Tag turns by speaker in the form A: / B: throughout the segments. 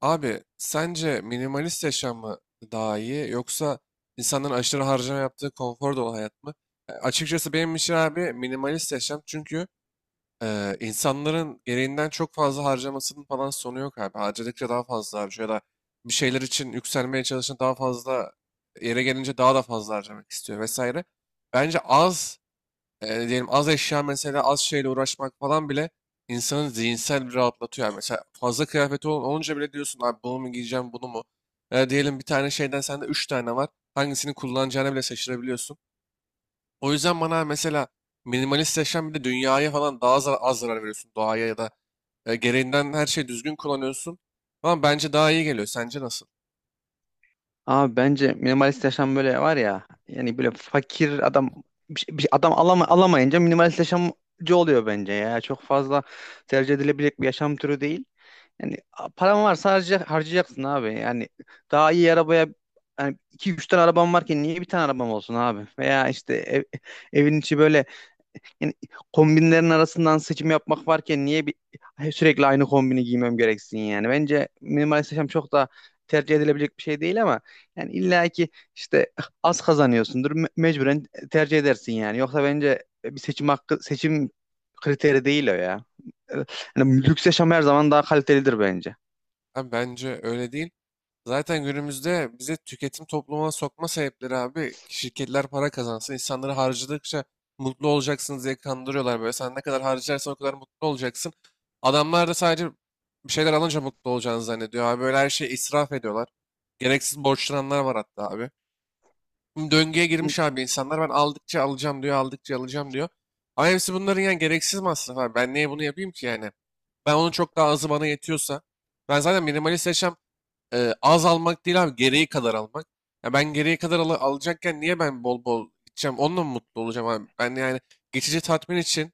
A: Abi sence minimalist yaşam mı daha iyi yoksa insanların aşırı harcama yaptığı konfor dolu hayat mı? Açıkçası benim için abi minimalist yaşam çünkü insanların gereğinden çok fazla harcamasının falan sonu yok abi. Harcadıkça daha fazla harcıyor ya da bir şeyler için yükselmeye çalışan daha fazla yere gelince daha da fazla harcamak istiyor vesaire. Bence az diyelim az eşya mesela az şeyle uğraşmak falan bile insanı zihinsel bir rahatlatıyor. Yani mesela fazla kıyafeti olunca bile diyorsun abi bunu mu giyeceğim bunu mu? Diyelim 1 tane şeyden sende 3 tane var. Hangisini kullanacağını bile şaşırabiliyorsun. O yüzden bana mesela minimalist yaşam bir de dünyaya falan daha az zarar veriyorsun. Doğaya ya da gereğinden her şeyi düzgün kullanıyorsun. Ama bence daha iyi geliyor. Sence nasıl?
B: Abi bence minimalist yaşam böyle var ya yani böyle fakir adam bir, şey- bir şey- adam alama, alamayınca minimalist yaşamcı oluyor bence ya. Çok fazla tercih edilebilecek bir yaşam türü değil. Yani paran varsa harcayacaksın abi. Yani daha iyi arabaya yani iki üç tane arabam varken niye bir tane arabam olsun abi? Veya işte evin içi böyle yani kombinlerin arasından seçim yapmak varken niye bir sürekli aynı kombini giymem gereksin yani? Bence minimalist yaşam çok da tercih edilebilecek bir şey değil ama yani illa ki işte az kazanıyorsundur mecburen tercih edersin yani. Yoksa bence bir seçim kriteri değil o ya. Yani lüks yaşam her zaman daha kalitelidir bence.
A: Abi bence öyle değil. Zaten günümüzde bize tüketim toplumuna sokma sebepleri abi şirketler para kazansın, insanları harcadıkça mutlu olacaksınız diye kandırıyorlar böyle. Sen ne kadar harcarsan o kadar mutlu olacaksın. Adamlar da sadece bir şeyler alınca mutlu olacağını zannediyor abi. Böyle her şeyi israf ediyorlar. Gereksiz borçlananlar var hatta abi. Şimdi döngüye girmiş abi insanlar ben aldıkça alacağım diyor, aldıkça alacağım diyor. Ama hepsi bunların yani gereksiz masraf abi. Ben niye bunu yapayım ki yani? Ben onun çok daha azı bana yetiyorsa. Ben zaten minimalist yaşam az almak değil abi gereği kadar almak. Ya ben gereği kadar alacakken niye ben bol bol gideceğim? Onunla mı mutlu olacağım abi? Ben yani geçici tatmin için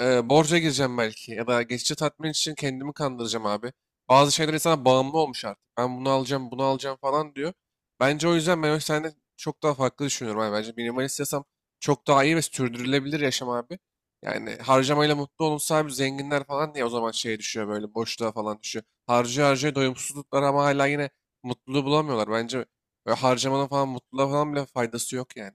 A: borca gireceğim belki ya da geçici tatmin için kendimi kandıracağım abi. Bazı şeyler insana bağımlı olmuş artık. Ben bunu alacağım, bunu alacağım falan diyor. Bence o yüzden ben o senden çok daha farklı düşünüyorum abi. Bence minimalist yaşam çok daha iyi ve sürdürülebilir yaşam abi. Yani harcamayla mutlu olunsa abi zenginler falan diye o zaman şeye düşüyor böyle boşluğa falan düşüyor. Harcıyor harcıyor doyumsuzluklar ama hala yine mutluluğu bulamıyorlar. Bence böyle harcamanın falan mutluluğa falan bile faydası yok yani.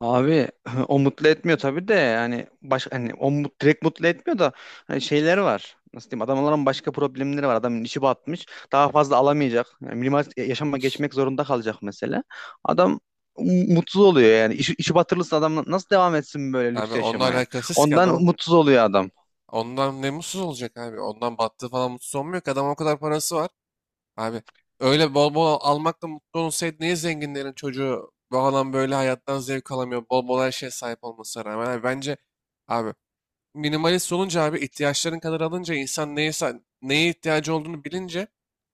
B: Abi o mutlu etmiyor tabii de yani hani direkt mutlu etmiyor da hani şeyleri var. Nasıl diyeyim? Adamların başka problemleri var. Adamın işi batmış. Daha fazla alamayacak. Yani minimal yaşama geçmek zorunda kalacak mesela. Adam mutsuz oluyor yani. İşi batırılırsa adam nasıl devam etsin böyle
A: Abi
B: lüks
A: onunla
B: yaşamaya?
A: alakasız ki
B: Ondan
A: adamın.
B: mutsuz oluyor adam.
A: Ondan ne mutsuz olacak abi? Ondan battığı falan mutsuz olmuyor ki. Adam o kadar parası var. Abi öyle bol bol almakla mutlu olsaydı niye zenginlerin çocuğu bu adam böyle hayattan zevk alamıyor? Bol bol her şeye sahip olmasına rağmen. Abi bence abi minimalist olunca abi ihtiyaçların kadar alınca insan neyse neye ihtiyacı olduğunu bilince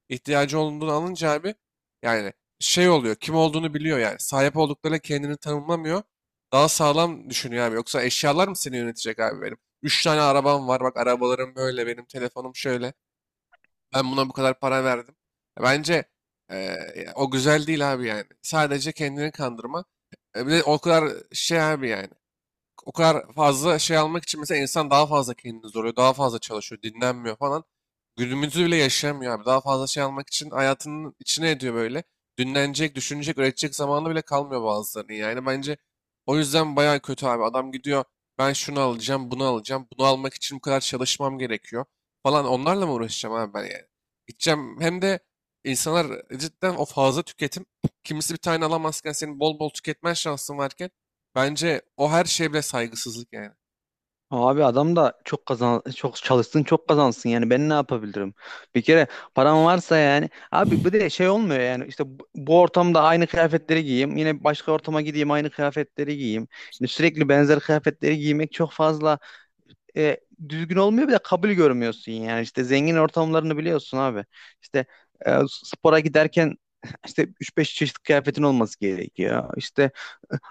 A: ihtiyacı olduğunu alınca abi yani şey oluyor kim olduğunu biliyor yani sahip olduklarıyla kendini tanımlamıyor daha sağlam düşünüyor abi yoksa eşyalar mı seni yönetecek abi benim 3 tane arabam var bak arabalarım böyle benim telefonum şöyle ben buna bu kadar para verdim bence o güzel değil abi yani sadece kendini kandırma. Bir de o kadar şey abi yani o kadar fazla şey almak için mesela insan daha fazla kendini zorluyor, daha fazla çalışıyor, dinlenmiyor falan. Günümüzü bile yaşamıyor abi. Daha fazla şey almak için hayatının içine ediyor böyle. Dinlenecek, düşünecek, üretecek zamanı bile kalmıyor bazılarının. Yani bence o yüzden bayağı kötü abi. Adam gidiyor ben şunu alacağım, bunu alacağım. Bunu almak için bu kadar çalışmam gerekiyor falan. Onlarla mı uğraşacağım abi ben yani? Gideceğim hem de insanlar cidden o fazla tüketim. Kimisi 1 tane alamazken senin bol bol tüketmen şansın varken bence o her şeye bile saygısızlık yani.
B: Abi adam da çok çalışsın çok kazansın yani ben ne yapabilirim? Bir kere param varsa yani abi bu de şey olmuyor yani işte bu ortamda aynı kıyafetleri giyeyim, yine başka ortama gideyim aynı kıyafetleri giyeyim. Yani sürekli benzer kıyafetleri giymek çok fazla e, düzgün olmuyor, bir de kabul görmüyorsun yani işte zengin ortamlarını biliyorsun abi. İşte spora giderken işte üç beş çeşit kıyafetin olması gerekiyor. İşte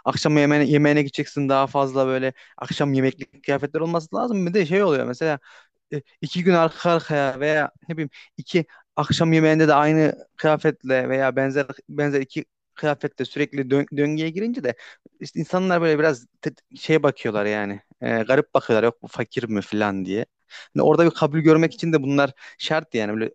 B: akşam yemeğine gideceksin, daha fazla böyle akşam yemeklik kıyafetler olması lazım. Bir de şey oluyor mesela iki gün arka arkaya veya ne bileyim iki akşam yemeğinde de aynı kıyafetle veya benzer benzer iki kıyafetle sürekli döngüye girince de işte insanlar böyle biraz şeye bakıyorlar yani, garip bakıyorlar, yok bu fakir mi falan diye. Hani orada bir kabul görmek için de bunlar şart yani, böyle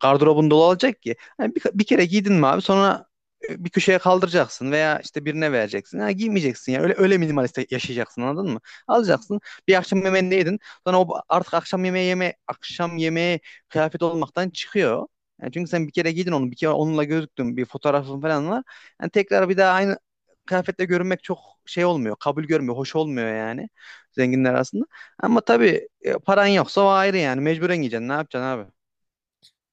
B: gardırobun dolu olacak ki. Hani bir kere giydin mi abi sonra bir köşeye kaldıracaksın veya işte birine vereceksin. Ha, giymeyeceksin yani, öyle öyle minimalist yaşayacaksın, anladın mı? Alacaksın, bir akşam yemeğini de yedin, sonra o artık akşam yemeği kıyafet olmaktan çıkıyor. Yani çünkü sen bir kere giydin onu, bir kere onunla gözüktün, bir fotoğrafın falan var. Yani tekrar bir daha aynı kıyafetle görünmek çok şey olmuyor, kabul görmüyor, hoş olmuyor yani zenginler arasında. Ama tabii paran yoksa o ayrı, yani mecburen giyeceksin, ne yapacaksın abi?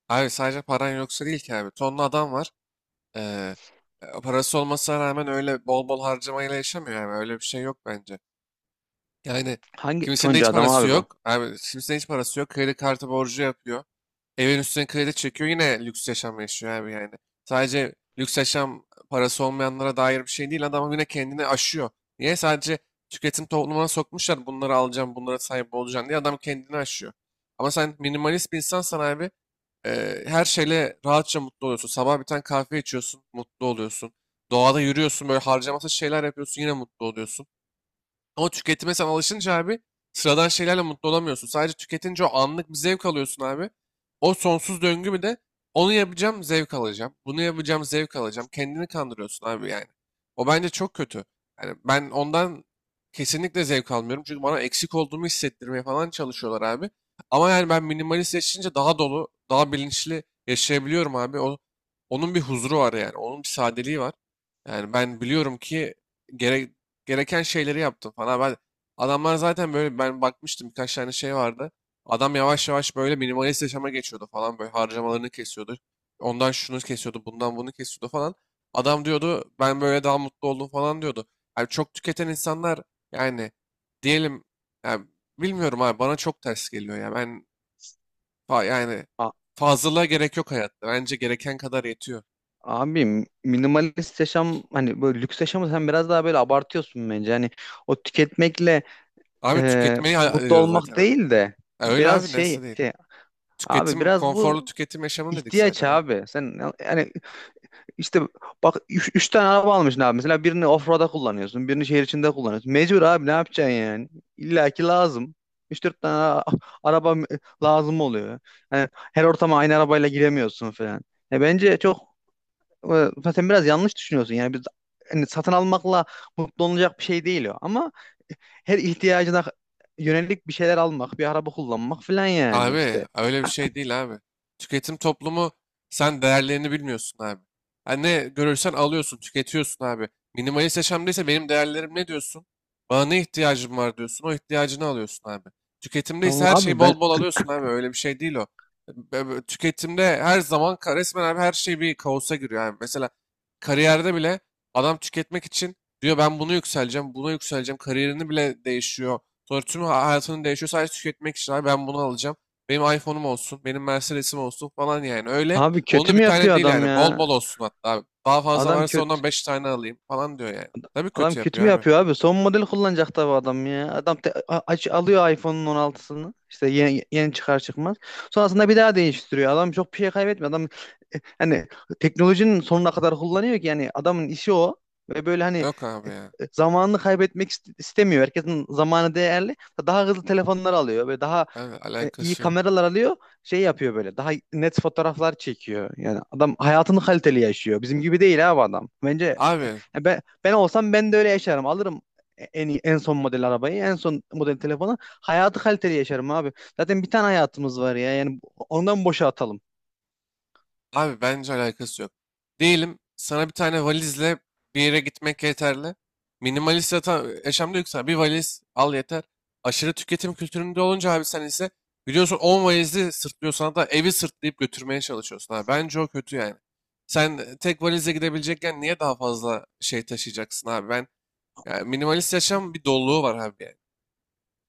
A: Abi sadece paran yoksa değil ki abi. Tonlu adam var. Ee, parası olmasına rağmen öyle bol bol harcamayla yaşamıyor yani. Öyle bir şey yok bence. Yani
B: Hangi
A: kimisinin de
B: Tonca
A: hiç
B: adam
A: parası
B: abi bu?
A: yok. Abi kimisinin hiç parası yok. Kredi kartı borcu yapıyor. Evin üstüne kredi çekiyor yine lüks yaşam yaşıyor abi yani. Sadece lüks yaşam parası olmayanlara dair bir şey değil. Adam yine kendini aşıyor. Niye? Sadece tüketim toplumuna sokmuşlar. Bunları alacağım, bunlara sahip olacağım diye adam kendini aşıyor. Ama sen minimalist bir insansan abi her şeyle rahatça mutlu oluyorsun. Sabah 1 tane kahve içiyorsun, mutlu oluyorsun. Doğada yürüyorsun, böyle harcamasız şeyler yapıyorsun, yine mutlu oluyorsun. Ama tüketime sen alışınca abi sıradan şeylerle mutlu olamıyorsun. Sadece tüketince o anlık bir zevk alıyorsun abi. O sonsuz döngü bir de onu yapacağım zevk alacağım. Bunu yapacağım zevk alacağım. Kendini kandırıyorsun abi yani. O bence çok kötü. Yani ben ondan kesinlikle zevk almıyorum. Çünkü bana eksik olduğumu hissettirmeye falan çalışıyorlar abi. Ama yani ben minimalist yaşayınca daha dolu, daha bilinçli yaşayabiliyorum abi. Onun bir huzuru var yani. Onun bir sadeliği var. Yani ben biliyorum ki gerek gereken şeyleri yaptım falan. Ben adamlar zaten böyle ben bakmıştım birkaç tane şey vardı. Adam yavaş yavaş böyle minimalist yaşama geçiyordu falan böyle harcamalarını kesiyordu. Ondan şunu kesiyordu, bundan bunu kesiyordu falan. Adam diyordu ben böyle daha mutlu oldum falan diyordu. Yani çok tüketen insanlar yani diyelim yani bilmiyorum abi bana çok ters geliyor ya. Ben yani
B: A-
A: fazlalığa gerek yok hayatta. Bence gereken kadar yetiyor.
B: Abi minimalist yaşam hani böyle lüks yaşamı sen biraz daha böyle abartıyorsun bence. Hani o tüketmekle
A: Abi tüketmeyi
B: mutlu
A: ediyoruz
B: olmak
A: zaten abi.
B: değil de
A: Ya öyle
B: biraz
A: abi
B: şey,
A: nasıl değil.
B: şey abi,
A: Tüketim,
B: biraz
A: konforlu
B: bu
A: tüketim yaşamı dedik
B: ihtiyaç
A: zaten abi.
B: abi. Sen yani işte bak üç tane araba almışsın abi. Mesela birini offroad'a kullanıyorsun, birini şehir içinde kullanıyorsun. Mecbur abi, ne yapacaksın yani? İlla ki lazım. Üç dört tane araba lazım oluyor. Yani her ortama aynı arabayla giremiyorsun falan. E bence çok sen biraz yanlış düşünüyorsun. Yani hani satın almakla mutlu olunacak bir şey değil o. Ama her ihtiyacına yönelik bir şeyler almak, bir araba kullanmak falan yani
A: Abi
B: işte.
A: öyle bir şey değil abi. Tüketim toplumu sen değerlerini bilmiyorsun abi. Yani ne görürsen alıyorsun, tüketiyorsun abi. Minimalist yaşamdaysa benim değerlerim ne diyorsun? Bana ne ihtiyacım var diyorsun, o ihtiyacını alıyorsun abi. Tüketimdeyse
B: Tamam
A: her şeyi
B: abi. ben
A: bol bol alıyorsun abi. Öyle bir şey değil o. Tüketimde her zaman resmen abi her şey bir kaosa giriyor abi. Mesela kariyerde bile adam tüketmek için diyor ben bunu yükseleceğim, buna yükseleceğim. Kariyerini bile değişiyor. Sonra tüm hayatının değişiyor sadece tüketmek için abi ben bunu alacağım. Benim iPhone'um olsun, benim Mercedes'im olsun falan yani öyle.
B: abi
A: Onun
B: kötü
A: da bir
B: mü
A: tane
B: yapıyor
A: değil
B: adam
A: yani bol
B: ya?
A: bol olsun hatta abi. Daha fazla
B: Adam
A: varsa
B: kötü
A: ondan 5 tane alayım falan diyor yani. Tabii
B: adam
A: kötü
B: kötü
A: yapıyor
B: mü
A: abi.
B: yapıyor abi? Son model kullanacak tabii adam ya. Adam aç alıyor iPhone'un 16'sını. İşte yeni çıkar çıkmaz. Sonrasında bir daha değiştiriyor. Adam çok bir şey kaybetmiyor. Adam hani teknolojinin sonuna kadar kullanıyor ki yani, adamın işi o. Ve böyle hani
A: Yok abi ya.
B: zamanını kaybetmek istemiyor. Herkesin zamanı değerli. Daha hızlı telefonlar alıyor ve daha
A: Abi
B: iyi
A: alakası yok.
B: kameralar alıyor. Şey yapıyor böyle. Daha net fotoğraflar çekiyor. Yani adam hayatını kaliteli yaşıyor. Bizim gibi değil abi adam. Bence
A: Abi
B: ya, ben olsam ben de öyle yaşarım. Alırım en iyi, en son model arabayı, en son model telefonu. Hayatı kaliteli yaşarım abi. Zaten bir tane hayatımız var ya. Yani ondan boşa atalım.
A: abi bence alakası yok. Diyelim sana 1 tane valizle bir yere gitmek yeterli. Minimalist yaşamda yüksel. Bir valiz al yeter. Aşırı tüketim kültüründe olunca abi sen ise biliyorsun 10 valizi sırtlıyorsun hatta evi sırtlayıp götürmeye çalışıyorsun. Abi. Bence o kötü yani. Sen tek valizle gidebilecekken niye daha fazla şey taşıyacaksın abi? Ben yani minimalist yaşam bir doluluğu var abi yani.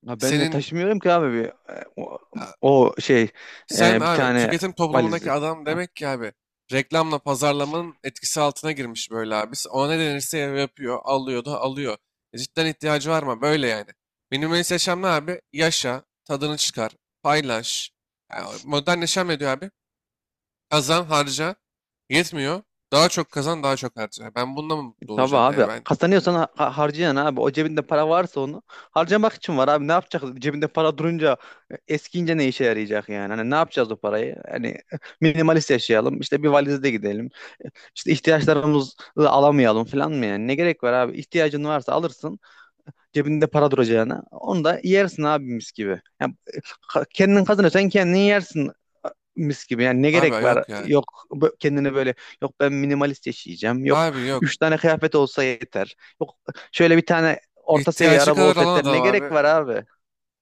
B: Ya ben de
A: Senin
B: taşımıyorum ki abi bir, e, o, o şey
A: sen
B: e, bir
A: abi
B: tane
A: tüketim toplumundaki
B: valizi.
A: adam demek ki abi reklamla pazarlamanın etkisi altına girmiş böyle abi. Ona ne denirse yapıyor, alıyor da alıyor. E cidden ihtiyacı var mı? Böyle yani. Minimalist yaşam ne abi? Yaşa, tadını çıkar, paylaş. Yani modern yaşam ne diyor abi? Kazan, harca. Yetmiyor. Daha çok kazan, daha çok harca. Ben bununla mı mutlu
B: Tabii
A: olacağım yani
B: abi,
A: ben?
B: kazanıyorsan harcayan abi, o cebinde para varsa onu harcamak için var abi. Ne yapacak cebinde para durunca eskiyince, ne işe yarayacak yani? Hani ne yapacağız o parayı? Hani minimalist yaşayalım, işte bir valizde gidelim, işte ihtiyaçlarımızı alamayalım falan mı yani? Ne gerek var abi? İhtiyacın varsa alırsın, cebinde para duracağına onu da yersin abi, mis gibi yani. Kendin kazanıyorsan kendin yersin, mis gibi. Yani ne
A: Abi
B: gerek var?
A: yok ya.
B: Yok kendini böyle, yok ben minimalist yaşayacağım, yok
A: Abi yok.
B: üç tane kıyafet olsa yeter, yok şöyle bir tane orta seviye
A: İhtiyacı
B: araba
A: kadar
B: olsa
A: alan
B: yeter. Ne
A: adam
B: gerek
A: abi.
B: var abi?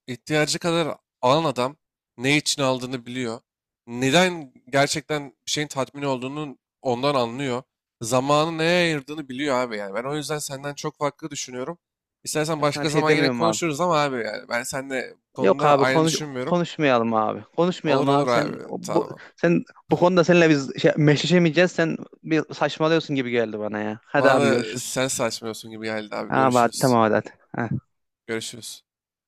A: İhtiyacı kadar alan adam ne için aldığını biliyor. Neden gerçekten bir şeyin tatmin olduğunu ondan anlıyor. Zamanı neye ayırdığını biliyor abi yani. Ben o yüzden senden çok farklı düşünüyorum. İstersen
B: Ben sana
A: başka
B: bir şey
A: zaman yine
B: demiyorum abi.
A: konuşuruz ama abi yani ben seninle bu
B: Yok
A: konuda
B: abi,
A: aynı düşünmüyorum.
B: konuşmayalım abi.
A: Olur
B: Konuşmayalım
A: olur
B: abi.
A: abi
B: Sen bu
A: tamam.
B: sen bu konuda seninle biz meşleşemeyeceğiz. Sen bir saçmalıyorsun gibi geldi bana ya. Hadi
A: Bana
B: abi,
A: da
B: görüşürüz.
A: sen saçmalıyorsun gibi geldi abi.
B: Abi hadi,
A: Görüşürüz.
B: tamam hadi. Hadi. Ha.
A: Görüşürüz.